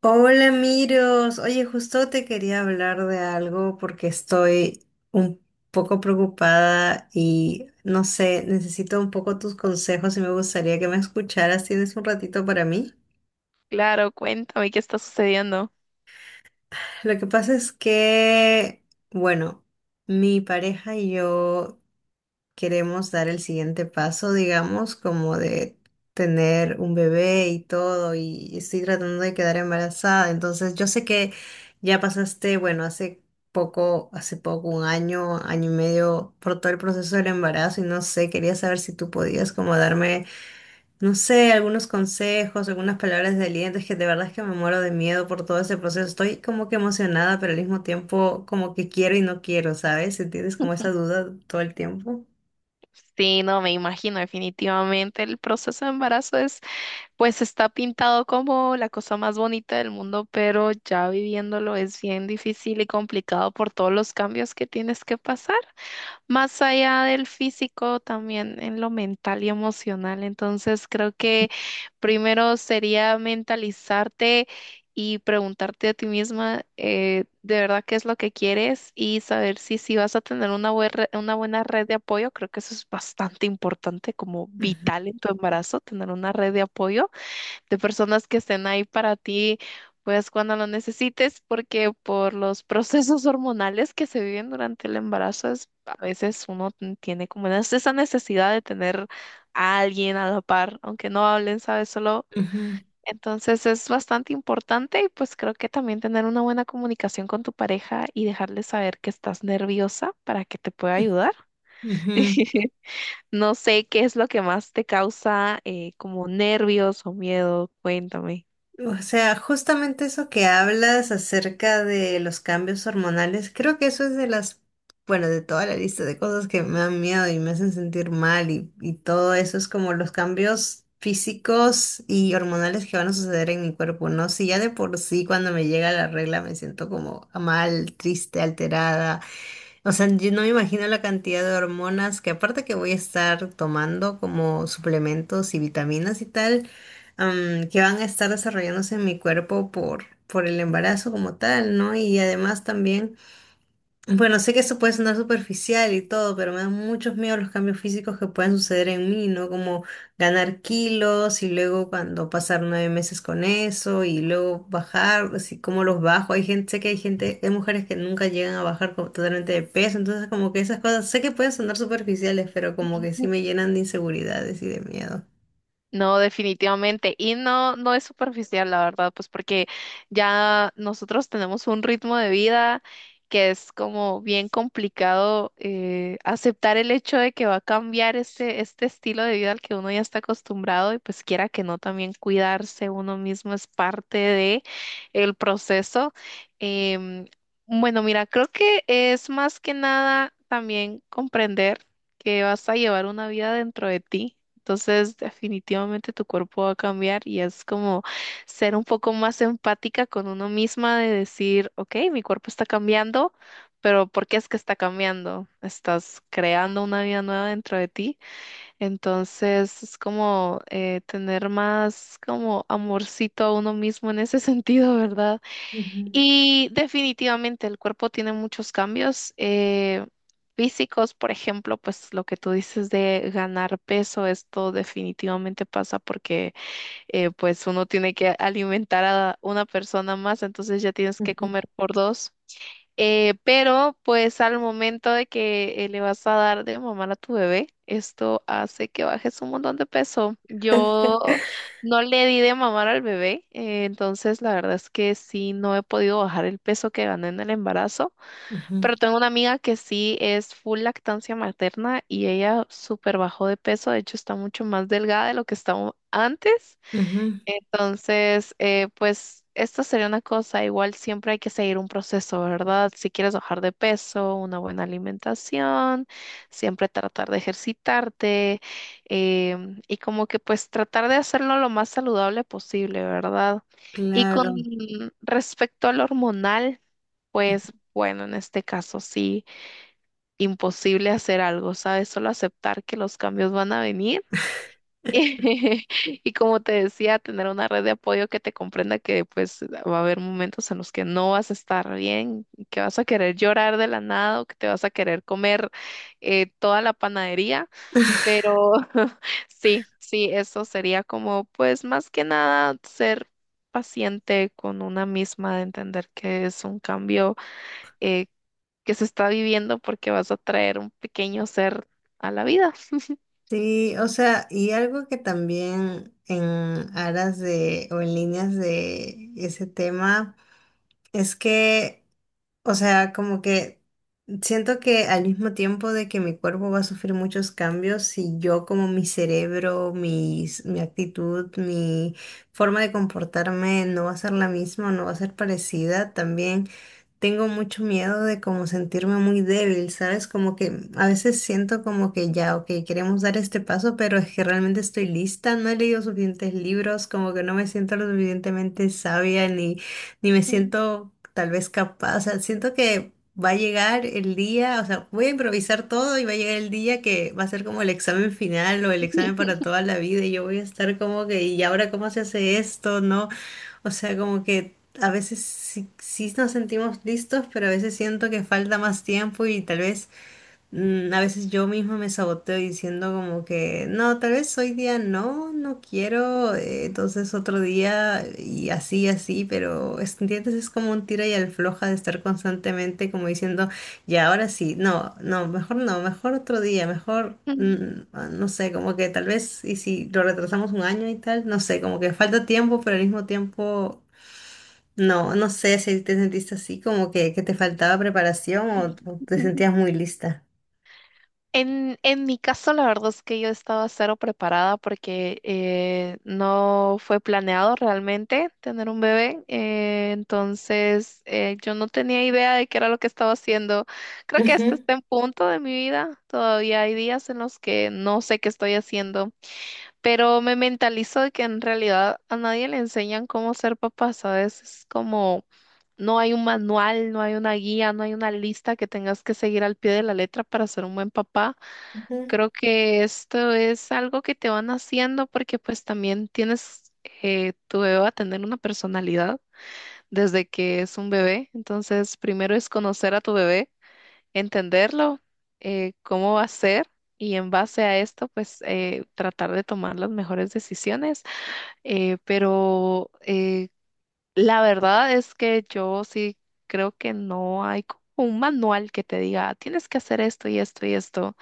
Hola, Miros. Oye, justo te quería hablar de algo porque estoy un poco preocupada y no sé, necesito un poco tus consejos y me gustaría que me escucharas. ¿Tienes un ratito para mí? Claro, cuéntame qué está sucediendo. Lo que pasa es que, bueno, mi pareja y yo queremos dar el siguiente paso, digamos, como de tener un bebé y todo, y estoy tratando de quedar embarazada. Entonces, yo sé que ya pasaste, bueno, hace poco, un año, año y medio, por todo el proceso del embarazo, y no sé, quería saber si tú podías como darme, no sé, algunos consejos, algunas palabras de aliento, es que de verdad es que me muero de miedo por todo ese proceso. Estoy como que emocionada, pero al mismo tiempo como que quiero y no quiero, ¿sabes? ¿Tienes como esa duda todo el tiempo? Sí, no, me imagino, definitivamente el proceso de embarazo es, pues está pintado como la cosa más bonita del mundo, pero ya viviéndolo es bien difícil y complicado por todos los cambios que tienes que pasar. Más allá del físico, también en lo mental y emocional. Entonces, creo que primero sería mentalizarte y preguntarte a ti misma, de verdad qué es lo que quieres y saber si vas a tener una, una buena red de apoyo. Creo que eso es bastante importante, como vital en tu embarazo, tener una red de apoyo de personas que estén ahí para ti, pues cuando lo necesites, porque por los procesos hormonales que se viven durante el embarazo, a veces uno tiene como esa necesidad de tener a alguien a la par, aunque no hablen, ¿sabes? Solo... Ujú, Entonces es bastante importante y pues creo que también tener una buena comunicación con tu pareja y dejarle saber que estás nerviosa para que te pueda ayudar. ujú. No sé qué es lo que más te causa, como nervios o miedo, cuéntame. O sea, justamente eso que hablas acerca de los cambios hormonales, creo que eso es de las, bueno, de toda la lista de cosas que me dan miedo y me hacen sentir mal y todo eso es como los cambios físicos y hormonales que van a suceder en mi cuerpo, ¿no? Si ya de por sí cuando me llega la regla me siento como mal, triste, alterada. O sea, yo no me imagino la cantidad de hormonas que aparte que voy a estar tomando como suplementos y vitaminas y tal, que van a estar desarrollándose en mi cuerpo por el embarazo como tal, ¿no? Y además también... Bueno, sé que eso puede sonar superficial y todo, pero me dan muchos miedos los cambios físicos que pueden suceder en mí, ¿no? Como ganar kilos y luego cuando pasar 9 meses con eso y luego bajar, así como los bajo. Hay gente, sé que hay gente, hay mujeres que nunca llegan a bajar como totalmente de peso, entonces como que esas cosas, sé que pueden sonar superficiales, pero como que sí me llenan de inseguridades y de miedo. No, definitivamente. Y no, no es superficial, la verdad, pues porque ya nosotros tenemos un ritmo de vida que es como bien complicado, aceptar el hecho de que va a cambiar este estilo de vida al que uno ya está acostumbrado, y pues quiera que no, también cuidarse uno mismo es parte de el proceso. Em, bueno, mira, creo que es más que nada también comprender que vas a llevar una vida dentro de ti. Entonces, definitivamente tu cuerpo va a cambiar y es como ser un poco más empática con uno misma de decir, ok, mi cuerpo está cambiando, pero ¿por qué es que está cambiando? Estás creando una vida nueva dentro de ti. Entonces, es como, tener más como amorcito a uno mismo en ese sentido, ¿verdad? Ujú, Y definitivamente el cuerpo tiene muchos cambios, físicos, por ejemplo, pues lo que tú dices de ganar peso, esto definitivamente pasa porque, pues uno tiene que alimentar a una persona más, entonces ya tienes que ujú. comer por dos. Pero pues al momento de que, le vas a dar de mamar a tu bebé, esto hace que bajes un montón de peso. Yo no le di de mamar al bebé, entonces la verdad es que sí, no he podido bajar el peso que gané en el embarazo, Ujú, pero tengo una amiga que sí es full lactancia materna y ella súper bajó de peso, de hecho está mucho más delgada de lo que estaba antes. ujú, Entonces, pues esta sería una cosa, igual siempre hay que seguir un proceso, ¿verdad? Si quieres bajar de peso, una buena alimentación, siempre tratar de ejercitarte, y como que pues tratar de hacerlo lo más saludable posible, ¿verdad? Y con claro. respecto al hormonal, pues bueno, en este caso sí, imposible hacer algo, ¿sabes? Solo aceptar que los cambios van a venir. Y como te decía, tener una red de apoyo que te comprenda, que pues va a haber momentos en los que no vas a estar bien, que vas a querer llorar de la nada o que te vas a querer comer, toda la panadería, pero sí, sí, eso sería como pues más que nada ser paciente con una misma, de entender que es un cambio, eh, que se está viviendo porque vas a traer un pequeño ser a la vida. Sí, o sea, y algo que también en aras de o en líneas de ese tema es que, o sea, como que siento que al mismo tiempo de que mi cuerpo va a sufrir muchos cambios, si yo como mi cerebro, mi actitud, mi forma de comportarme no va a ser la misma, no va a ser parecida, también tengo mucho miedo de como sentirme muy débil, ¿sabes? Como que a veces siento como que ya, ok, queremos dar este paso, pero es que realmente estoy lista, no he leído suficientes libros, como que no me siento lo suficientemente sabia ni me siento tal vez capaz, o sea, siento que va a llegar el día, o sea, voy a improvisar todo y va a llegar el día que va a ser como el examen final o el examen para toda la vida y yo voy a estar como que, ¿y ahora cómo se hace esto? ¿No? O sea, como que a veces sí, sí nos sentimos listos, pero a veces siento que falta más tiempo y tal vez a veces yo misma me saboteo diciendo como que no, tal vez hoy día no, no quiero, entonces otro día y así, así, pero ¿entiendes? Es como un tira y afloja de estar constantemente como diciendo ya, ahora sí, no, no, mejor no, mejor otro día, Ujú. No sé, como que tal vez, y si lo retrasamos un año y tal, no sé, como que falta tiempo, pero al mismo tiempo no sé si te sentiste así como que te faltaba preparación o te sentías muy lista. En mi caso, la verdad es que yo estaba cero preparada porque, no fue planeado realmente tener un bebé. Entonces, yo no tenía idea de qué era lo que estaba haciendo. Creo que este Ujú, está en punto de mi vida. Todavía hay días en los que no sé qué estoy haciendo, pero me mentalizo de que en realidad a nadie le enseñan cómo ser papá, ¿sabes? Es como... No hay un manual, no hay una guía, no hay una lista que tengas que seguir al pie de la letra para ser un buen papá. ujú, Creo que esto es algo que te van haciendo porque pues también tienes, tu bebé va a tener una personalidad desde que es un bebé. Entonces, primero es conocer a tu bebé, entenderlo, cómo va a ser, y en base a esto pues, tratar de tomar las mejores decisiones. Pero la verdad es que yo sí creo que no hay como un manual que te diga, tienes que hacer esto y esto y esto.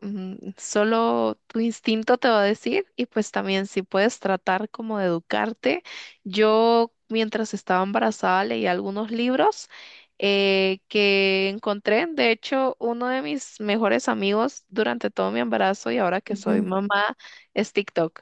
Solo tu instinto te va a decir, y pues también si puedes tratar como de educarte. Yo mientras estaba embarazada leí algunos libros, que encontré. De hecho, uno de mis mejores amigos durante todo mi embarazo y ahora que soy ujú, mamá es TikTok.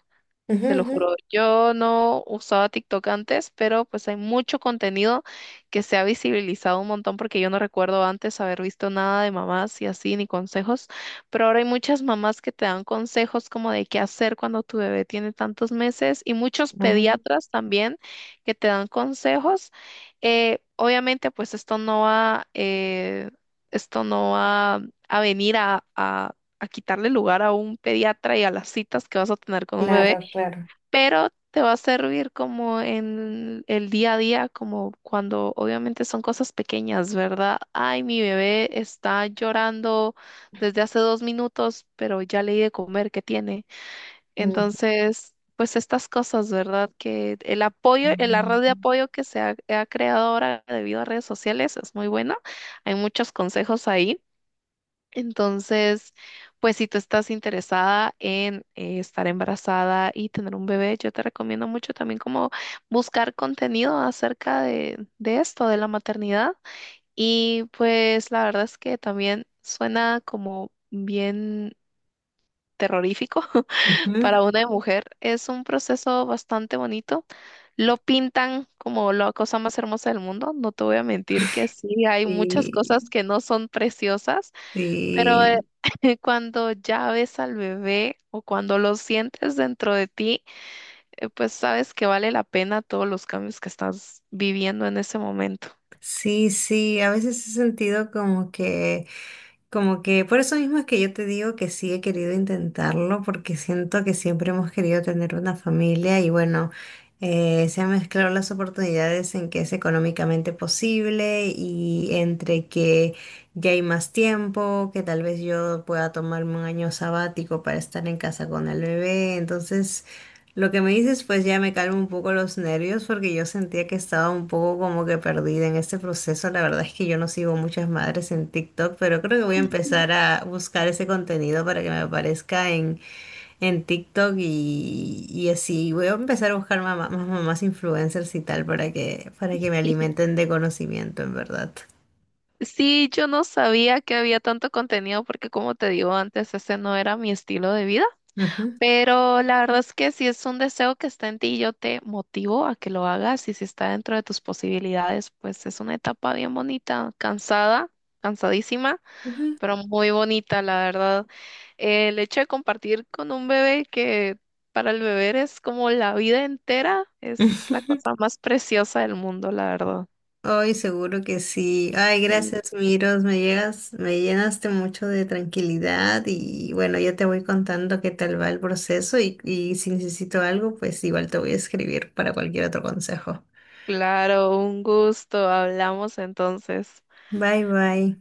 ujú, Te lo ujú. juro, yo no usaba TikTok antes, pero pues hay mucho contenido que se ha visibilizado un montón, porque yo no recuerdo antes haber visto nada de mamás y así, ni consejos, pero ahora hay muchas mamás que te dan consejos como de qué hacer cuando tu bebé tiene tantos meses, y muchos Ah, pediatras también que te dan consejos. Obviamente pues esto no va, esto no va a venir a... a quitarle lugar a un pediatra y a las citas que vas a tener con un bebé, claro, claro. pero te va a servir como en el día a día, como cuando obviamente son cosas pequeñas, ¿verdad? Ay, mi bebé está llorando desde hace dos minutos, pero ya le di de comer, ¿qué tiene? Ujú. Entonces, pues estas cosas, ¿verdad? Que el apoyo, la red de apoyo que se ha creado ahora debido a redes sociales es muy buena. Hay muchos consejos ahí. Entonces, pues si tú estás interesada en, estar embarazada y tener un bebé, yo te recomiendo mucho también como buscar contenido acerca de esto, de la maternidad. Y pues la verdad es que también suena como bien terrorífico Ujú. para una mujer. Es un proceso bastante bonito. Lo pintan como la cosa más hermosa del mundo. No te voy a mentir que sí, hay muchas cosas Y, que no son preciosas, pero y cuando ya ves al bebé o cuando lo sientes dentro de ti, pues sabes que vale la pena todos los cambios que estás viviendo en ese momento. sí, sí, a veces he sentido como que... Como que por eso mismo es que yo te digo que sí he querido intentarlo, porque siento que siempre hemos querido tener una familia y bueno, se han mezclado las oportunidades en que es económicamente posible y entre que ya hay más tiempo, que tal vez yo pueda tomarme un año sabático para estar en casa con el bebé. Entonces, lo que me dices, pues ya me calmo un poco los nervios porque yo sentía que estaba un poco como que perdida en este proceso. La verdad es que yo no sigo muchas madres en TikTok, pero creo que voy a empezar a buscar ese contenido para que me aparezca en TikTok y así. Voy a empezar a buscar más mamás influencers y tal para para que me alimenten de conocimiento, en verdad. Sí, yo no sabía que había tanto contenido, porque como te digo antes, ese no era mi estilo de vida, Ujú. pero la verdad es que si es un deseo que está en ti, yo te motivo a que lo hagas, y si está dentro de tus posibilidades, pues es una etapa bien bonita, cansada, cansadísima, Ujú. pero muy bonita, la verdad. El hecho de compartir con un bebé que para el bebé es como la vida entera, es la cosa más preciosa del mundo, la verdad. Ay, seguro que sí. Ay, gracias, Miros. Me llegas, me llenaste mucho de tranquilidad y bueno, ya te voy contando qué tal va el proceso y si necesito algo, pues igual te voy a escribir para cualquier otro consejo. Claro, un gusto. Hablamos entonces. Bye, bye.